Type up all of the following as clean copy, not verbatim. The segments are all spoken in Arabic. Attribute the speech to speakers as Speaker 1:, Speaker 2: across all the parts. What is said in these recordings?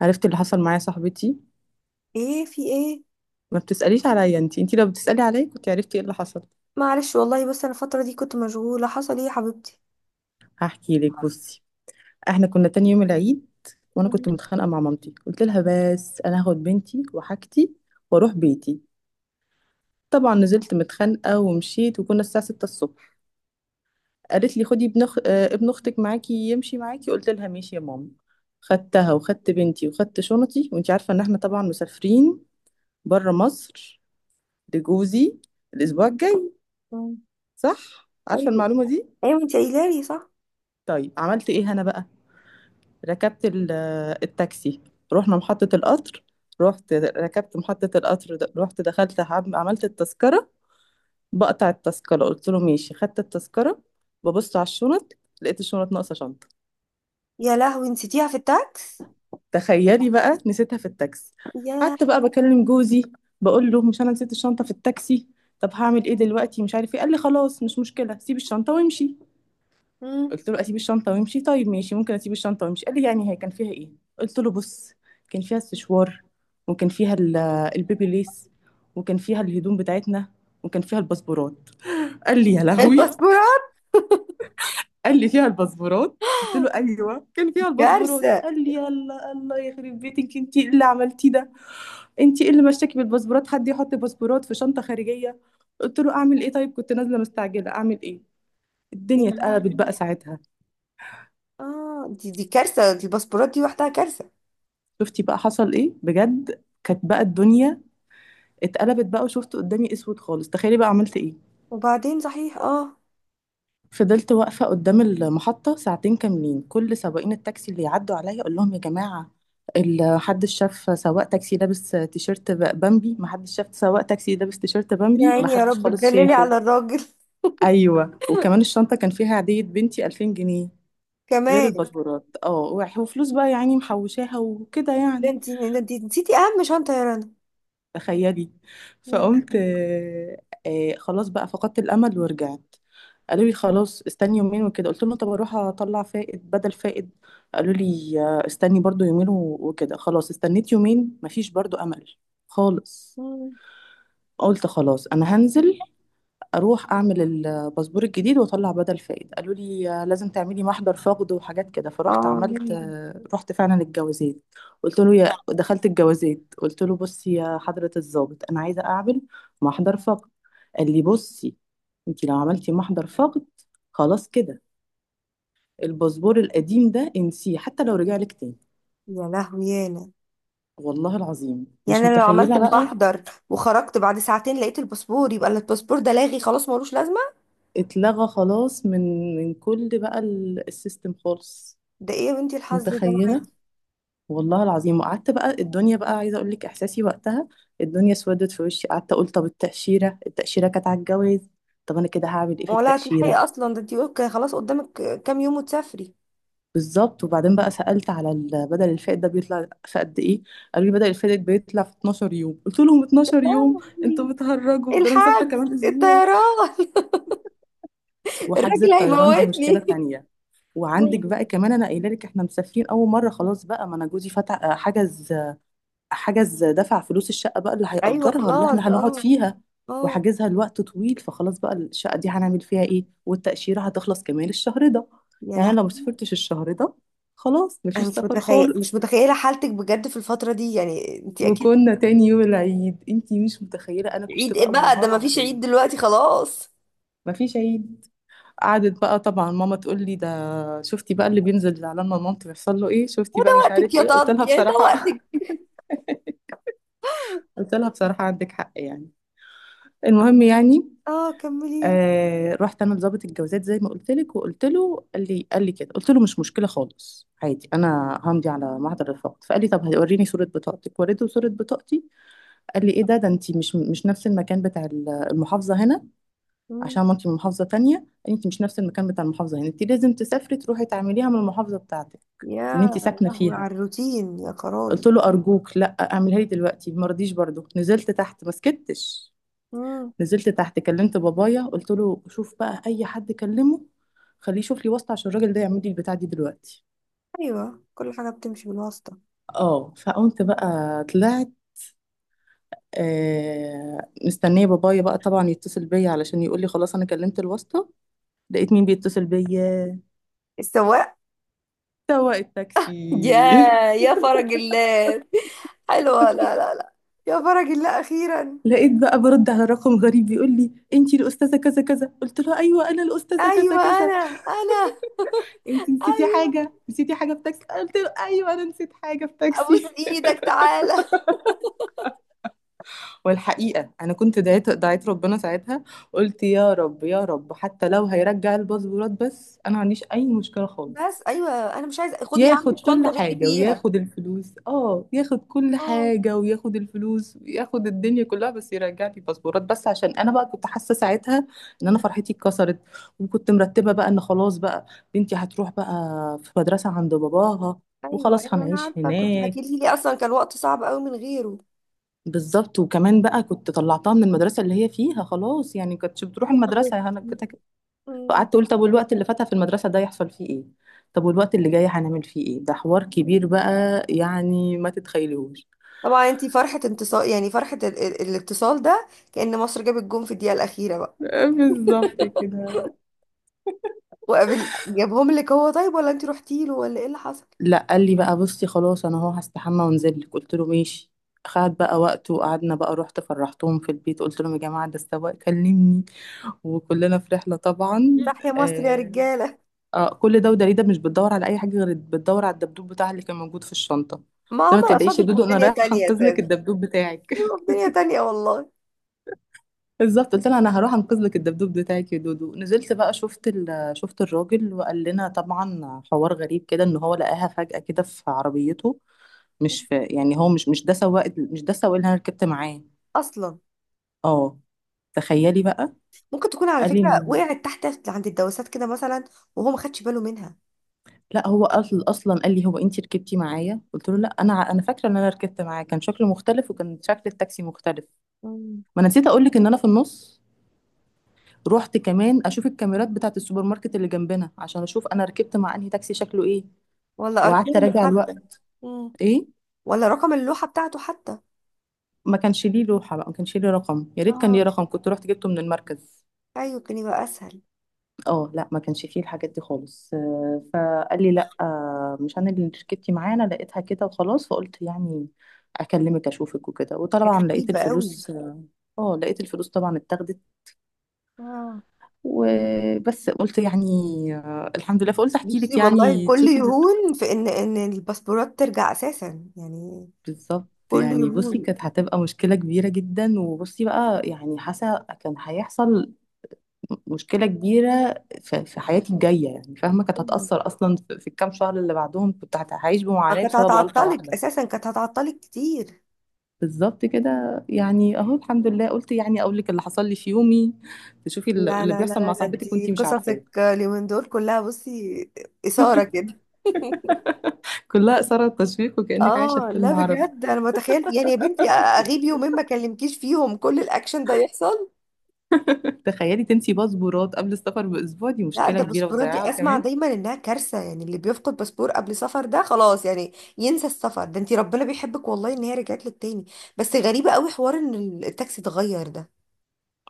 Speaker 1: عرفت اللي حصل معايا صاحبتي.
Speaker 2: ايه؟ في ايه؟
Speaker 1: ما بتسأليش عليا، انتي لو بتسألي عليا كنت عرفتي ايه اللي حصل.
Speaker 2: معلش والله، بس انا الفترة دي كنت مشغولة. حصل ايه يا حبيبتي؟
Speaker 1: هحكي لك، بصي، احنا كنا تاني يوم العيد وانا كنت متخانقة مع مامتي قلت لها بس انا هاخد بنتي وحاجتي واروح بيتي. طبعا نزلت متخانقة ومشيت وكنا الساعة 6 الصبح. قالت لي خدي ابن أخ... آه، ابن اختك معاكي يمشي معاكي، قلت لها ماشي يا ماما. خدتها وخدت بنتي وخدت شنطي وانتي عارفة ان احنا طبعا مسافرين بره مصر لجوزي الاسبوع الجاي،
Speaker 2: مم.
Speaker 1: صح عارفة
Speaker 2: ايوه.
Speaker 1: المعلومة دي؟
Speaker 2: ايوه انت قايله لي، صح.
Speaker 1: طيب عملت ايه انا بقى، ركبت التاكسي، رحنا محطة القطر. رحت ركبت محطة القطر، رحت دخلت عملت التذكرة. بقطع التذكرة قلت له ماشي، خدت التذكرة، ببص على الشنط لقيت الشنط ناقصة شنطة.
Speaker 2: يا لهوي، نسيتيها في التاكس.
Speaker 1: تخيلي بقى نسيتها في التاكسي.
Speaker 2: يا
Speaker 1: قعدت
Speaker 2: لهوي.
Speaker 1: بقى بكلم جوزي بقول له مش انا نسيت الشنطة في التاكسي، طب هعمل ايه دلوقتي مش عارف ايه. قال لي خلاص مش مشكلة، سيب الشنطة وامشي.
Speaker 2: مم.
Speaker 1: قلت له اسيب الشنطه وامشي؟ طيب ماشي، ممكن اسيب الشنطه وامشي. قال لي يعني هي كان فيها ايه؟ قلت له بص، كان فيها السشوار، وكان فيها البيبي ليس، وكان فيها الهدوم بتاعتنا، وكان فيها الباسبورات. قال لي يا لهوي.
Speaker 2: الباسبورات!
Speaker 1: قال لي فيها الباسبورات؟ قلت له ايوه كان
Speaker 2: دي
Speaker 1: فيها الباسبورات.
Speaker 2: كارثة.
Speaker 1: قال لي يلا الله يخرب بيتك، انت إيه اللي عملتيه ده، انت ايه اللي مشاكي بالباسبورات، حد يحط باسبورات في شنطه خارجيه؟ قلت له اعمل ايه طيب، كنت نازله مستعجله اعمل ايه.
Speaker 2: يا
Speaker 1: الدنيا اتقلبت
Speaker 2: لهوي،
Speaker 1: بقى ساعتها.
Speaker 2: اه، دي كارثة، دي الباسبورات دي وحدها كارثة.
Speaker 1: شفتي بقى حصل ايه بجد. كانت بقى الدنيا اتقلبت بقى، وشفت قدامي اسود خالص. تخيلي بقى عملت ايه.
Speaker 2: وبعدين صحيح، اه.
Speaker 1: فضلت واقفه قدام المحطه ساعتين كاملين، كل سواقين التاكسي اللي يعدوا عليا اقول لهم يا جماعه حدش شاف سواق تاكسي لابس تيشيرت بامبي، محدش شاف سواق تاكسي لابس تيشيرت
Speaker 2: يا
Speaker 1: بامبي،
Speaker 2: عيني، يا
Speaker 1: محدش
Speaker 2: رب
Speaker 1: خالص
Speaker 2: تدللي
Speaker 1: شافه.
Speaker 2: على الراجل.
Speaker 1: ايوه، وكمان الشنطه كان فيها عيديه بنتي 2000 جنيه غير
Speaker 2: كمان!
Speaker 1: الباسبورات، اه، وفلوس بقى يعني محوشاها وكده
Speaker 2: ده
Speaker 1: يعني.
Speaker 2: انت ده انت نسيتي اهم شنطة يا رنا.
Speaker 1: تخيلي.
Speaker 2: يا
Speaker 1: فقمت
Speaker 2: لهوي.
Speaker 1: خلاص بقى فقدت الامل ورجعت. قالوا لي خلاص استني يومين وكده. قلت لهم طب اروح اطلع فائد بدل فائد. قالوا لي استني برضو يومين وكده. خلاص استنيت يومين، مفيش برضو امل خالص.
Speaker 2: مم.
Speaker 1: قلت خلاص انا هنزل اروح اعمل الباسبور الجديد واطلع بدل فائد. قالوا لي لازم تعملي محضر فقد وحاجات كده. فرحت
Speaker 2: اه،
Speaker 1: عملت، رحت فعلا الجوازات. قلت له، يا دخلت الجوازات قلت له بصي يا حضرة الضابط، انا عايزة اعمل محضر فقد. قال لي بصي، انت لو عملتي محضر فقد خلاص كده، الباسبور القديم ده انسيه حتى لو رجع لك تاني.
Speaker 2: يا لهوي يانا.
Speaker 1: والله العظيم مش
Speaker 2: يعني انا لو عملت
Speaker 1: متخيلة بقى.
Speaker 2: بحضر وخرجت بعد ساعتين لقيت الباسبور، يبقى الباسبور ده لاغي خلاص، ملوش لازمه.
Speaker 1: اتلغى خلاص من كل بقى السيستم خالص.
Speaker 2: ده ايه يا بنتي الحظ ده
Speaker 1: متخيلة.
Speaker 2: معاكي؟
Speaker 1: والله العظيم. وقعدت بقى الدنيا بقى عايزه اقول لك احساسي وقتها، الدنيا اسودت في وشي. قعدت اقول طب التاشيره كانت على الجواز. طب انا كده هعمل ايه في
Speaker 2: ولا هتلحقي
Speaker 1: التاشيره.
Speaker 2: اصلا، ده انتي يقولك خلاص قدامك كام يوم وتسافري.
Speaker 1: بالظبط. وبعدين بقى سالت على بدل الفائت ده بيطلع في قد ايه. قالوا لي بدل الفائت بيطلع في 12 يوم. قلت لهم 12
Speaker 2: لا،
Speaker 1: يوم؟ انتوا بتهرجوا، ده انا مسافره
Speaker 2: الحاج،
Speaker 1: كمان اسبوع.
Speaker 2: الطيران،
Speaker 1: وحجز
Speaker 2: الراجل
Speaker 1: الطيران دي مشكله
Speaker 2: هيموتني.
Speaker 1: تانية. وعندك بقى كمان، انا قايله لك احنا مسافرين اول مره. خلاص بقى، ما انا جوزي فتح حجز دفع فلوس الشقة بقى اللي
Speaker 2: ايوه،
Speaker 1: هيأجرها، اللي
Speaker 2: خلاص،
Speaker 1: احنا
Speaker 2: اه.
Speaker 1: هنقعد فيها،
Speaker 2: اه.
Speaker 1: وحاجزها لوقت طويل. فخلاص بقى الشقة دي هنعمل فيها ايه، والتأشيرة هتخلص كمان الشهر ده.
Speaker 2: يا
Speaker 1: يعني أنا
Speaker 2: لا.
Speaker 1: لو مسافرتش الشهر ده خلاص
Speaker 2: انا
Speaker 1: مفيش
Speaker 2: مش
Speaker 1: سفر
Speaker 2: متخيل، مش
Speaker 1: خالص.
Speaker 2: متخيله حالتك بجد في الفتره دي، يعني انت اكيد.
Speaker 1: وكنا تاني يوم العيد، انتي مش متخيلة انا كنت
Speaker 2: عيد ايه
Speaker 1: بقى
Speaker 2: بقى ده؟ ما
Speaker 1: منهارة
Speaker 2: فيش
Speaker 1: ازاي.
Speaker 2: عيد دلوقتي خلاص.
Speaker 1: مفيش عيد. قعدت بقى طبعا ماما تقول لي ده، شفتي بقى اللي بينزل على ما مامتي بيحصل له ايه، شفتي
Speaker 2: وده
Speaker 1: بقى مش عارف
Speaker 2: وقتك يا
Speaker 1: ايه. قلت لها
Speaker 2: طنط، يعني ده
Speaker 1: بصراحة
Speaker 2: وقتك.
Speaker 1: قلت لها بصراحة عندك حق يعني. المهم يعني،
Speaker 2: اه، كملي.
Speaker 1: رحت انا لضابط الجوازات زي ما قلت لك وقلت له، قال لي كده قلت له مش مشكله خالص عادي، انا همضي على معدل الرفاقة. فقال لي طب هوريني صوره بطاقتك. وريته صوره بطاقتي. قال لي ايه ده انت مش نفس المكان بتاع المحافظه هنا، عشان ما انت من محافظه تانية. قال لي انت مش نفس المكان بتاع المحافظه هنا، انت لازم تسافري تروحي تعمليها من المحافظه بتاعتك ان انت
Speaker 2: يا
Speaker 1: ساكنه
Speaker 2: لهوي
Speaker 1: فيها.
Speaker 2: على الروتين، يا خرابي.
Speaker 1: قلت له ارجوك لا اعملها لي دلوقتي. ما رضيش برضه. نزلت تحت. ما سكتش.
Speaker 2: امم.
Speaker 1: نزلت تحت كلمت بابايا، قلت له شوف بقى اي حد كلمه خليه يشوف لي واسطه عشان الراجل ده يعمل لي البتاع دي دلوقتي.
Speaker 2: ايوه، كل حاجه بتمشي بالواسطه.
Speaker 1: اه، فقمت بقى طلعت. مستنيه بابايا بقى طبعا يتصل بيا علشان يقول لي خلاص انا كلمت الواسطه. لقيت مين بيتصل بيا؟
Speaker 2: السواق!
Speaker 1: سواق
Speaker 2: يا،
Speaker 1: التاكسي.
Speaker 2: يا فرج الله. حلوه، لا لا لا، يا فرج الله اخيرا.
Speaker 1: لقيت بقى برد على رقم غريب، بيقول لي انتي الاستاذه كذا كذا، قلت له ايوه انا الاستاذه كذا
Speaker 2: ايوه
Speaker 1: كذا.
Speaker 2: انا. انا.
Speaker 1: انتي نسيتي
Speaker 2: ايوه.
Speaker 1: حاجه، نسيتي حاجه في تاكسي؟ قلت له ايوه انا نسيت حاجه في
Speaker 2: ابوس
Speaker 1: تاكسي.
Speaker 2: ايدك، تعالى.
Speaker 1: والحقيقة أنا كنت دعيت ربنا ساعتها. قلت يا رب يا رب حتى لو هيرجع الباسبورات بس أنا ما عنديش أي مشكلة
Speaker 2: بس
Speaker 1: خالص،
Speaker 2: ايوه، انا مش عايزه، خد يا عم
Speaker 1: ياخد كل
Speaker 2: الشنطه باللي
Speaker 1: حاجة
Speaker 2: فيها.
Speaker 1: وياخد الفلوس، اه ياخد كل
Speaker 2: اه.
Speaker 1: حاجة وياخد الفلوس وياخد الدنيا كلها، بس يرجع لي الباسبورات بس. عشان أنا بقى كنت حاسة ساعتها إن أنا
Speaker 2: أمم.
Speaker 1: فرحتي اتكسرت، وكنت مرتبة بقى إن خلاص بقى بنتي هتروح بقى في مدرسة عند باباها،
Speaker 2: ايوه
Speaker 1: وخلاص
Speaker 2: ايوه انا
Speaker 1: هنعيش
Speaker 2: عارفه، كنت
Speaker 1: هناك.
Speaker 2: حكيتي لي اصلا، كان وقت صعب قوي من غيره.
Speaker 1: بالظبط. وكمان بقى كنت طلعتها من المدرسه اللي هي فيها خلاص، يعني كنتش بتروح
Speaker 2: يا
Speaker 1: المدرسه يا هنا
Speaker 2: حبيبتي.
Speaker 1: كده كده.
Speaker 2: أمم.
Speaker 1: فقعدت اقول طب والوقت اللي فاتها في المدرسه ده يحصل فيه ايه، طب والوقت اللي جاي هنعمل فيه ايه، ده حوار كبير بقى، يعني ما تتخيلوش.
Speaker 2: طبعا انتي فرحة انتصار، يعني فرحة الاتصال ده كأن مصر جابت جون في الدقيقة الأخيرة بقى.
Speaker 1: بالظبط كده.
Speaker 2: وقابل، جابهم لك هو؟ طيب ولا انتي رحتي له، ولا ايه اللي حصل؟
Speaker 1: لا، قال لي بقى بصي خلاص انا اهو هستحمى وانزل لك. قلت له ماشي، خد بقى وقت. وقعدنا بقى، رحت فرحتهم في البيت قلت لهم يا جماعه ده السواق كلمني، وكلنا في رحله طبعا.
Speaker 2: تحيا مصر يا
Speaker 1: آه،
Speaker 2: رجالة.
Speaker 1: اه كل ده، ودليده مش بتدور على اي حاجه غير بتدور على الدبدوب بتاعها اللي كان موجود في الشنطه.
Speaker 2: ما
Speaker 1: قلت لها ما
Speaker 2: عمر
Speaker 1: تقلقيش
Speaker 2: أشرف
Speaker 1: يا
Speaker 2: يبقوا
Speaker 1: دودو
Speaker 2: في
Speaker 1: انا
Speaker 2: دنيا
Speaker 1: رايحه
Speaker 2: تانية يا
Speaker 1: انقذ لك
Speaker 2: سادة،
Speaker 1: الدبدوب بتاعك.
Speaker 2: يبقوا في دنيا تانية والله.
Speaker 1: بالظبط. قلت لها انا هروح انقذ لك الدبدوب بتاعك يا دودو. نزلت بقى، شفت الراجل، وقال لنا طبعا حوار غريب كده ان هو لقاها فجاه كده في عربيته، مش في يعني، هو مش ده سواق، مش ده السواق اللي انا ركبت معاه.
Speaker 2: أصلا.
Speaker 1: اه، تخيلي بقى.
Speaker 2: ممكن تكون على
Speaker 1: قال لي
Speaker 2: فكرة
Speaker 1: انه،
Speaker 2: وقعت تحت عند الدواسات كده مثلا، وهو ما خدش باله منها.
Speaker 1: لا هو اصلا قال لي هو انت ركبتي معايا؟ قلت له لا، انا فاكره ان انا ركبت معاه كان شكله مختلف وكان شكل التاكسي مختلف.
Speaker 2: مم.
Speaker 1: ما انا نسيت اقول لك ان انا في النص رحت كمان اشوف الكاميرات بتاعت السوبر ماركت اللي جنبنا عشان اشوف انا ركبت مع انهي تاكسي شكله ايه،
Speaker 2: ولا
Speaker 1: وقعدت
Speaker 2: أرقامه
Speaker 1: اراجع
Speaker 2: حتى.
Speaker 1: الوقت.
Speaker 2: مم.
Speaker 1: ايه،
Speaker 2: ولا رقم اللوحة بتاعته حتى.
Speaker 1: ما كانش ليه لوحة بقى، ما كانش ليه رقم، يا ريت كان
Speaker 2: اه،
Speaker 1: ليه رقم كنت رحت جبته من المركز.
Speaker 2: أيوة، كان يبقى أسهل.
Speaker 1: اه لا ما كانش فيه الحاجات دي خالص. فقال لي لا، مش انا اللي ركبتي معايا، انا لقيتها كده وخلاص. فقلت يعني اكلمك اشوفك وكده.
Speaker 2: كان
Speaker 1: وطبعا
Speaker 2: غريب
Speaker 1: لقيت
Speaker 2: قوي.
Speaker 1: الفلوس، اه لقيت الفلوس طبعا اتاخدت.
Speaker 2: اه.
Speaker 1: وبس. قلت يعني، الحمد لله. فقلت احكي
Speaker 2: نفسي
Speaker 1: لك
Speaker 2: والله،
Speaker 1: يعني
Speaker 2: كل
Speaker 1: تشوفي.
Speaker 2: يهون في ان ان الباسبورات ترجع اساسا يعني.
Speaker 1: بالظبط.
Speaker 2: كل
Speaker 1: يعني بصي
Speaker 2: يهون.
Speaker 1: كانت هتبقى مشكلة كبيرة جدا، وبصي بقى يعني حاسة كان هيحصل مشكلة كبيرة في حياتي الجاية يعني، فاهمة؟ كانت
Speaker 2: أيوة.
Speaker 1: هتأثر أصلا في الكام شهر اللي بعدهم. كنت هعيش بمعاناة
Speaker 2: كانت
Speaker 1: بسبب غلطة
Speaker 2: هتعطلك
Speaker 1: واحدة.
Speaker 2: اساسا، كانت هتعطلك كتير.
Speaker 1: بالظبط كده. يعني أهو الحمد لله. قلت يعني أقول لك اللي حصل لي في يومي، تشوفي اللي
Speaker 2: لا
Speaker 1: اللي
Speaker 2: لا لا
Speaker 1: بيحصل
Speaker 2: لا،
Speaker 1: مع
Speaker 2: ده
Speaker 1: صاحبتك
Speaker 2: دي
Speaker 1: وأنتي مش عارفاه.
Speaker 2: قصصك اليومين دول كلها، بصي، اثاره كده.
Speaker 1: كلها إثارة تشويق، وكأنك عايشة في
Speaker 2: اه، لا
Speaker 1: فيلم عربي.
Speaker 2: بجد انا متخيل، يعني يا بنتي اغيب يومين ما اكلمكيش فيهم كل الاكشن ده يحصل.
Speaker 1: تخيلي تنسي باسبورات قبل السفر بأسبوع، دي
Speaker 2: لا،
Speaker 1: مشكلة
Speaker 2: ده
Speaker 1: كبيرة،
Speaker 2: الباسبورات
Speaker 1: وتضيعها
Speaker 2: دي اسمع
Speaker 1: كمان.
Speaker 2: دايما انها كارثه، يعني اللي بيفقد باسبور قبل سفر ده خلاص يعني ينسى السفر. ده انتي ربنا بيحبك والله ان هي رجعت لك تاني. بس غريبه قوي حوار ان التاكسي اتغير ده.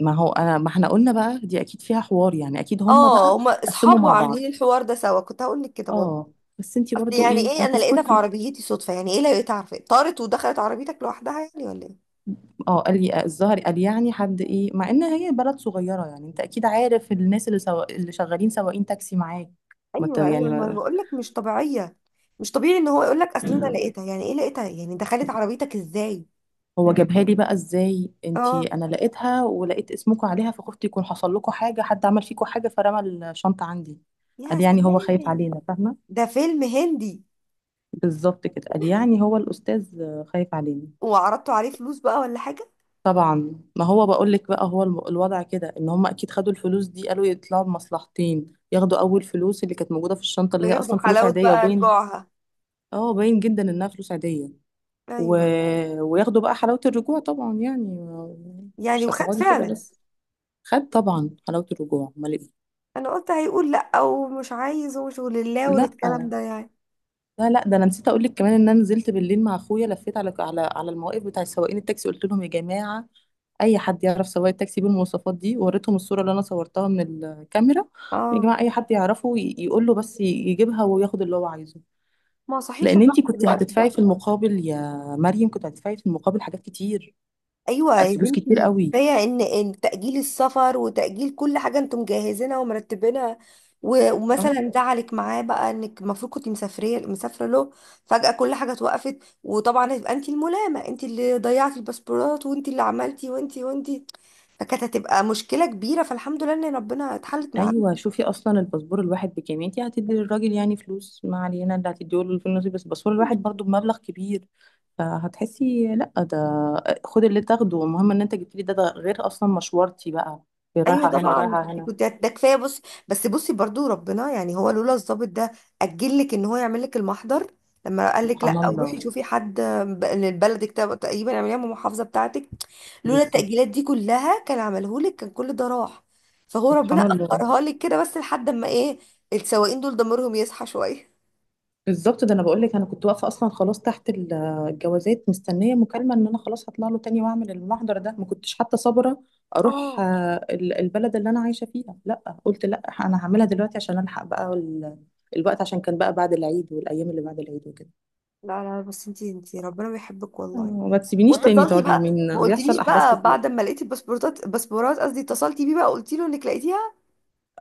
Speaker 1: ما هو انا، ما احنا قلنا بقى دي اكيد فيها حوار يعني، اكيد هما
Speaker 2: اه،
Speaker 1: بقى
Speaker 2: هما
Speaker 1: قسموا
Speaker 2: اصحابه
Speaker 1: مع
Speaker 2: عاملين
Speaker 1: بعض.
Speaker 2: الحوار ده سوا، كنت هقول لك كده برضه.
Speaker 1: اه. بس انتي
Speaker 2: اصل
Speaker 1: برضو
Speaker 2: يعني
Speaker 1: ايه،
Speaker 2: ايه انا لقيتها في
Speaker 1: هتسكتي؟
Speaker 2: عربيتي صدفه؟ يعني ايه لقيتها؟ عارفه طارت ودخلت عربيتك لوحدها يعني ولا ايه؟
Speaker 1: اه. قال لي الظهر، قال يعني حد ايه، مع ان هي بلد صغيره يعني انت اكيد عارف الناس اللي شغالين سواقين تاكسي معاك. ما انت
Speaker 2: ايوه ايوه،
Speaker 1: يعني
Speaker 2: ما انا
Speaker 1: ما...
Speaker 2: بقول لك مش طبيعيه. مش طبيعي ان هو يقول لك اصل انا لقيتها. يعني ايه لقيتها؟ يعني دخلت عربيتك ازاي؟
Speaker 1: هو جابها لي بقى ازاي. انتي
Speaker 2: اه،
Speaker 1: انا لقيتها، ولقيت اسمكم عليها، فخفت يكون حصل لكم حاجه، حد عمل فيكم حاجه، فرمى الشنطه عندي.
Speaker 2: يا
Speaker 1: قال يعني هو خايف
Speaker 2: سلام.
Speaker 1: علينا، فاهمه؟
Speaker 2: ده فيلم هندي.
Speaker 1: بالظبط كده. قال يعني هو الاستاذ خايف علينا.
Speaker 2: وعرضتوا عليه فلوس بقى ولا حاجة؟
Speaker 1: طبعا، ما هو بقول لك بقى، هو الوضع كده ان هم اكيد خدوا الفلوس دي، قالوا يطلعوا بمصلحتين، ياخدوا اول فلوس اللي كانت موجوده في الشنطه اللي هي
Speaker 2: وياخدوا
Speaker 1: اصلا فلوس
Speaker 2: حلاوة
Speaker 1: عاديه
Speaker 2: بقى
Speaker 1: وباين،
Speaker 2: رجوعها.
Speaker 1: اه باين جدا انها فلوس عاديه، و...
Speaker 2: ايوه،
Speaker 1: وياخدوا بقى حلاوه الرجوع طبعا يعني،
Speaker 2: يعني
Speaker 1: مش
Speaker 2: وخد
Speaker 1: هتقعدي كده
Speaker 2: فعلا.
Speaker 1: بس، خد طبعا حلاوه الرجوع امال ايه.
Speaker 2: انا قلت هيقول لا ومش عايز ومش ولله
Speaker 1: لا
Speaker 2: والكلام ده يعني.
Speaker 1: لا لا، ده انا نسيت اقول لك كمان ان انا نزلت بالليل مع اخويا لفيت على المواقف بتاع سواقين التاكسي، قلت لهم يا جماعه اي حد يعرف سواق التاكسي بالمواصفات دي، وريتهم الصوره اللي انا صورتها من الكاميرا. يا
Speaker 2: اه،
Speaker 1: جماعه اي حد يعرفه يقول له بس يجيبها وياخد اللي هو عايزه،
Speaker 2: ما صحيش
Speaker 1: لان
Speaker 2: الضغط
Speaker 1: انتي
Speaker 2: في
Speaker 1: كنت
Speaker 2: الوقت
Speaker 1: هتدفعي
Speaker 2: ده.
Speaker 1: في المقابل يا مريم، كنت هتدفعي في المقابل حاجات كتير،
Speaker 2: ايوه يا
Speaker 1: فلوس كتير
Speaker 2: بنتي،
Speaker 1: قوي.
Speaker 2: كفايه ان ان تاجيل السفر وتاجيل كل حاجه انتم مجهزينها ومرتبينها. و- ومثلا
Speaker 1: اه.
Speaker 2: زعلك معاه بقى، انك المفروض كنت مسافريه، مسافره له. فجاه كل حاجه اتوقفت. وطبعا هتبقى انت الملامه، انت اللي ضيعتي الباسبورات، وانت اللي عملتي، وانت وانت. فكانت هتبقى مشكله كبيره، فالحمد لله ان ربنا اتحلت من
Speaker 1: ايوه، شوفي اصلا الباسبور الواحد بكام، انتي هتدي للراجل يعني فلوس، ما علينا اللي هتديه له في النصيب، بس الباسبور الواحد
Speaker 2: عنده.
Speaker 1: برضو بمبلغ كبير، فهتحسي لا ده خد اللي تاخده المهم ان انت جبت لي ده, غير اصلا مشوارتي بقى،
Speaker 2: ايوه
Speaker 1: رايحه هنا
Speaker 2: طبعا،
Speaker 1: ورايحه
Speaker 2: دي
Speaker 1: هنا.
Speaker 2: كنت ده كفايه، بص. بس بصي برضو ربنا يعني، هو لولا الضابط ده اجل لك ان هو يعمل لك المحضر، لما قال لك
Speaker 1: سبحان
Speaker 2: لا روحي
Speaker 1: الله.
Speaker 2: شوفي حد لبلدك، تقريبا اعمليها من المحافظه بتاعتك، لولا
Speaker 1: بالظبط.
Speaker 2: التاجيلات دي كلها كان عمله لك، كان كل ده راح. فهو ربنا
Speaker 1: سبحان
Speaker 2: اخرها
Speaker 1: الله.
Speaker 2: لك كده، بس لحد اما ايه، السواقين دول ضميرهم يصحى شويه.
Speaker 1: بالظبط. ده انا بقول لك انا كنت واقفه اصلا خلاص تحت الجوازات مستنيه مكالمه ان انا خلاص هطلع له تاني واعمل المحضر ده. ما كنتش حتى صابره اروح،
Speaker 2: اه.
Speaker 1: البلد اللي انا عايشه فيها. لا قلت لا، انا هعملها دلوقتي عشان الحق بقى الوقت، عشان كان بقى بعد العيد والايام اللي بعد العيد وكده.
Speaker 2: لا لا، بس انتي ربنا بيحبك
Speaker 1: آه،
Speaker 2: والله، اه.
Speaker 1: ما تسيبينيش تاني
Speaker 2: واتصلتي
Speaker 1: تقعدي
Speaker 2: طبعا بقى، ما
Speaker 1: يومين
Speaker 2: قلتليش
Speaker 1: بيحصل احداث
Speaker 2: بقى بعد
Speaker 1: كتير.
Speaker 2: ما لقيتي الباسبورتات، الباسبورات قصدي، اتصلتي بيه بقى قلتي له انك لقيتيها؟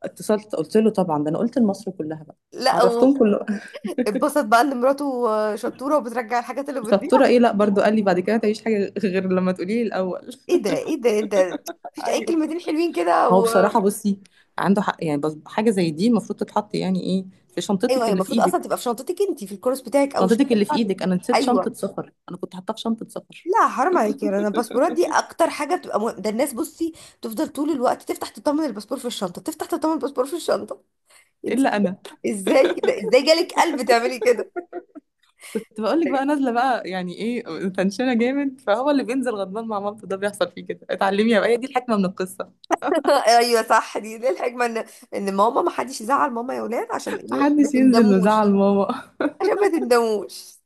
Speaker 1: اتصلت قلت له طبعا، ده انا قلت لمصر كلها بقى،
Speaker 2: لا.
Speaker 1: عرفتهم كله.
Speaker 2: واتبسط بقى ان مراته شطوره وبترجع الحاجات اللي بتضيع.
Speaker 1: شطوره ايه، لا، برضو قال لي بعد كده تعيش حاجه غير لما تقولي لي الاول.
Speaker 2: ايه ده، ايه ده؟ انت مفيش اي
Speaker 1: ايوه.
Speaker 2: كلمتين حلوين كده
Speaker 1: هو
Speaker 2: و…
Speaker 1: بصراحة بصي، عنده حق يعني، بس حاجة زي دي المفروض تتحط يعني ايه في
Speaker 2: ايوه،
Speaker 1: شنطتك
Speaker 2: هي
Speaker 1: اللي في
Speaker 2: المفروض اصلا تبقى
Speaker 1: ايدك.
Speaker 2: في شنطتك انت، في الكورس بتاعك او
Speaker 1: شنطتك
Speaker 2: الشنطه
Speaker 1: اللي في
Speaker 2: بتاعتك.
Speaker 1: ايدك، انا نسيت شنطة
Speaker 2: ايوه.
Speaker 1: سفر، انا كنت حاطاها في شنطة سفر.
Speaker 2: لا حرام عليك يا رنا، الباسبورات دي اكتر حاجه بتبقى مهم. ده الناس بصي تفضل طول الوقت تفتح تطمن الباسبور في الشنطه، تفتح تطمن الباسبور في الشنطه. انت
Speaker 1: الا انا
Speaker 2: ازاي كده، ازاي جالك قلب تعملي كده؟
Speaker 1: كنت بقول لك بقى نازلة بقى يعني ايه، تنشنة جامد، فهو اللي بينزل غضبان مع مامته ده بيحصل فيه كده. اتعلمي يا بقى هي دي الحكمة من القصة،
Speaker 2: ايوه صح، دي الحكمه، ان ان ماما ما حدش يزعل ماما يا ولاد، عشان ايه؟ ما
Speaker 1: محدش ينزل
Speaker 2: تندموش.
Speaker 1: مزعل ماما.
Speaker 2: عشان ما تندموش.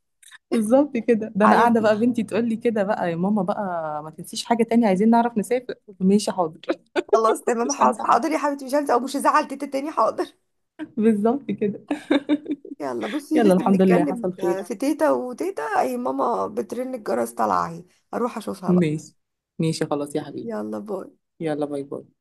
Speaker 1: بالظبط كده. ده انا
Speaker 2: على
Speaker 1: قاعدة بقى
Speaker 2: الدين.
Speaker 1: بنتي تقول لي كده بقى، يا ماما بقى ما تنسيش حاجة تانية، عايزين نعرف نسافر. ماشي حاضر.
Speaker 2: خلاص، تمام،
Speaker 1: مش
Speaker 2: حاضر،
Speaker 1: هنسى حاجة.
Speaker 2: حاضر يا حبيبتي، مش هنسى او مش هزعل تيتا تاني، حاضر.
Speaker 1: بالظبط كده.
Speaker 2: يلا بصي،
Speaker 1: يلا
Speaker 2: لسه
Speaker 1: الحمد لله
Speaker 2: بنتكلم،
Speaker 1: حصل خير.
Speaker 2: في تيتا وتيتا اي، ماما بترن الجرس، طالعه اهي. اروح اشوفها بقى.
Speaker 1: ماشي. ماشي خلاص يا حبيبي.
Speaker 2: يلا باي.
Speaker 1: يلا باي باي.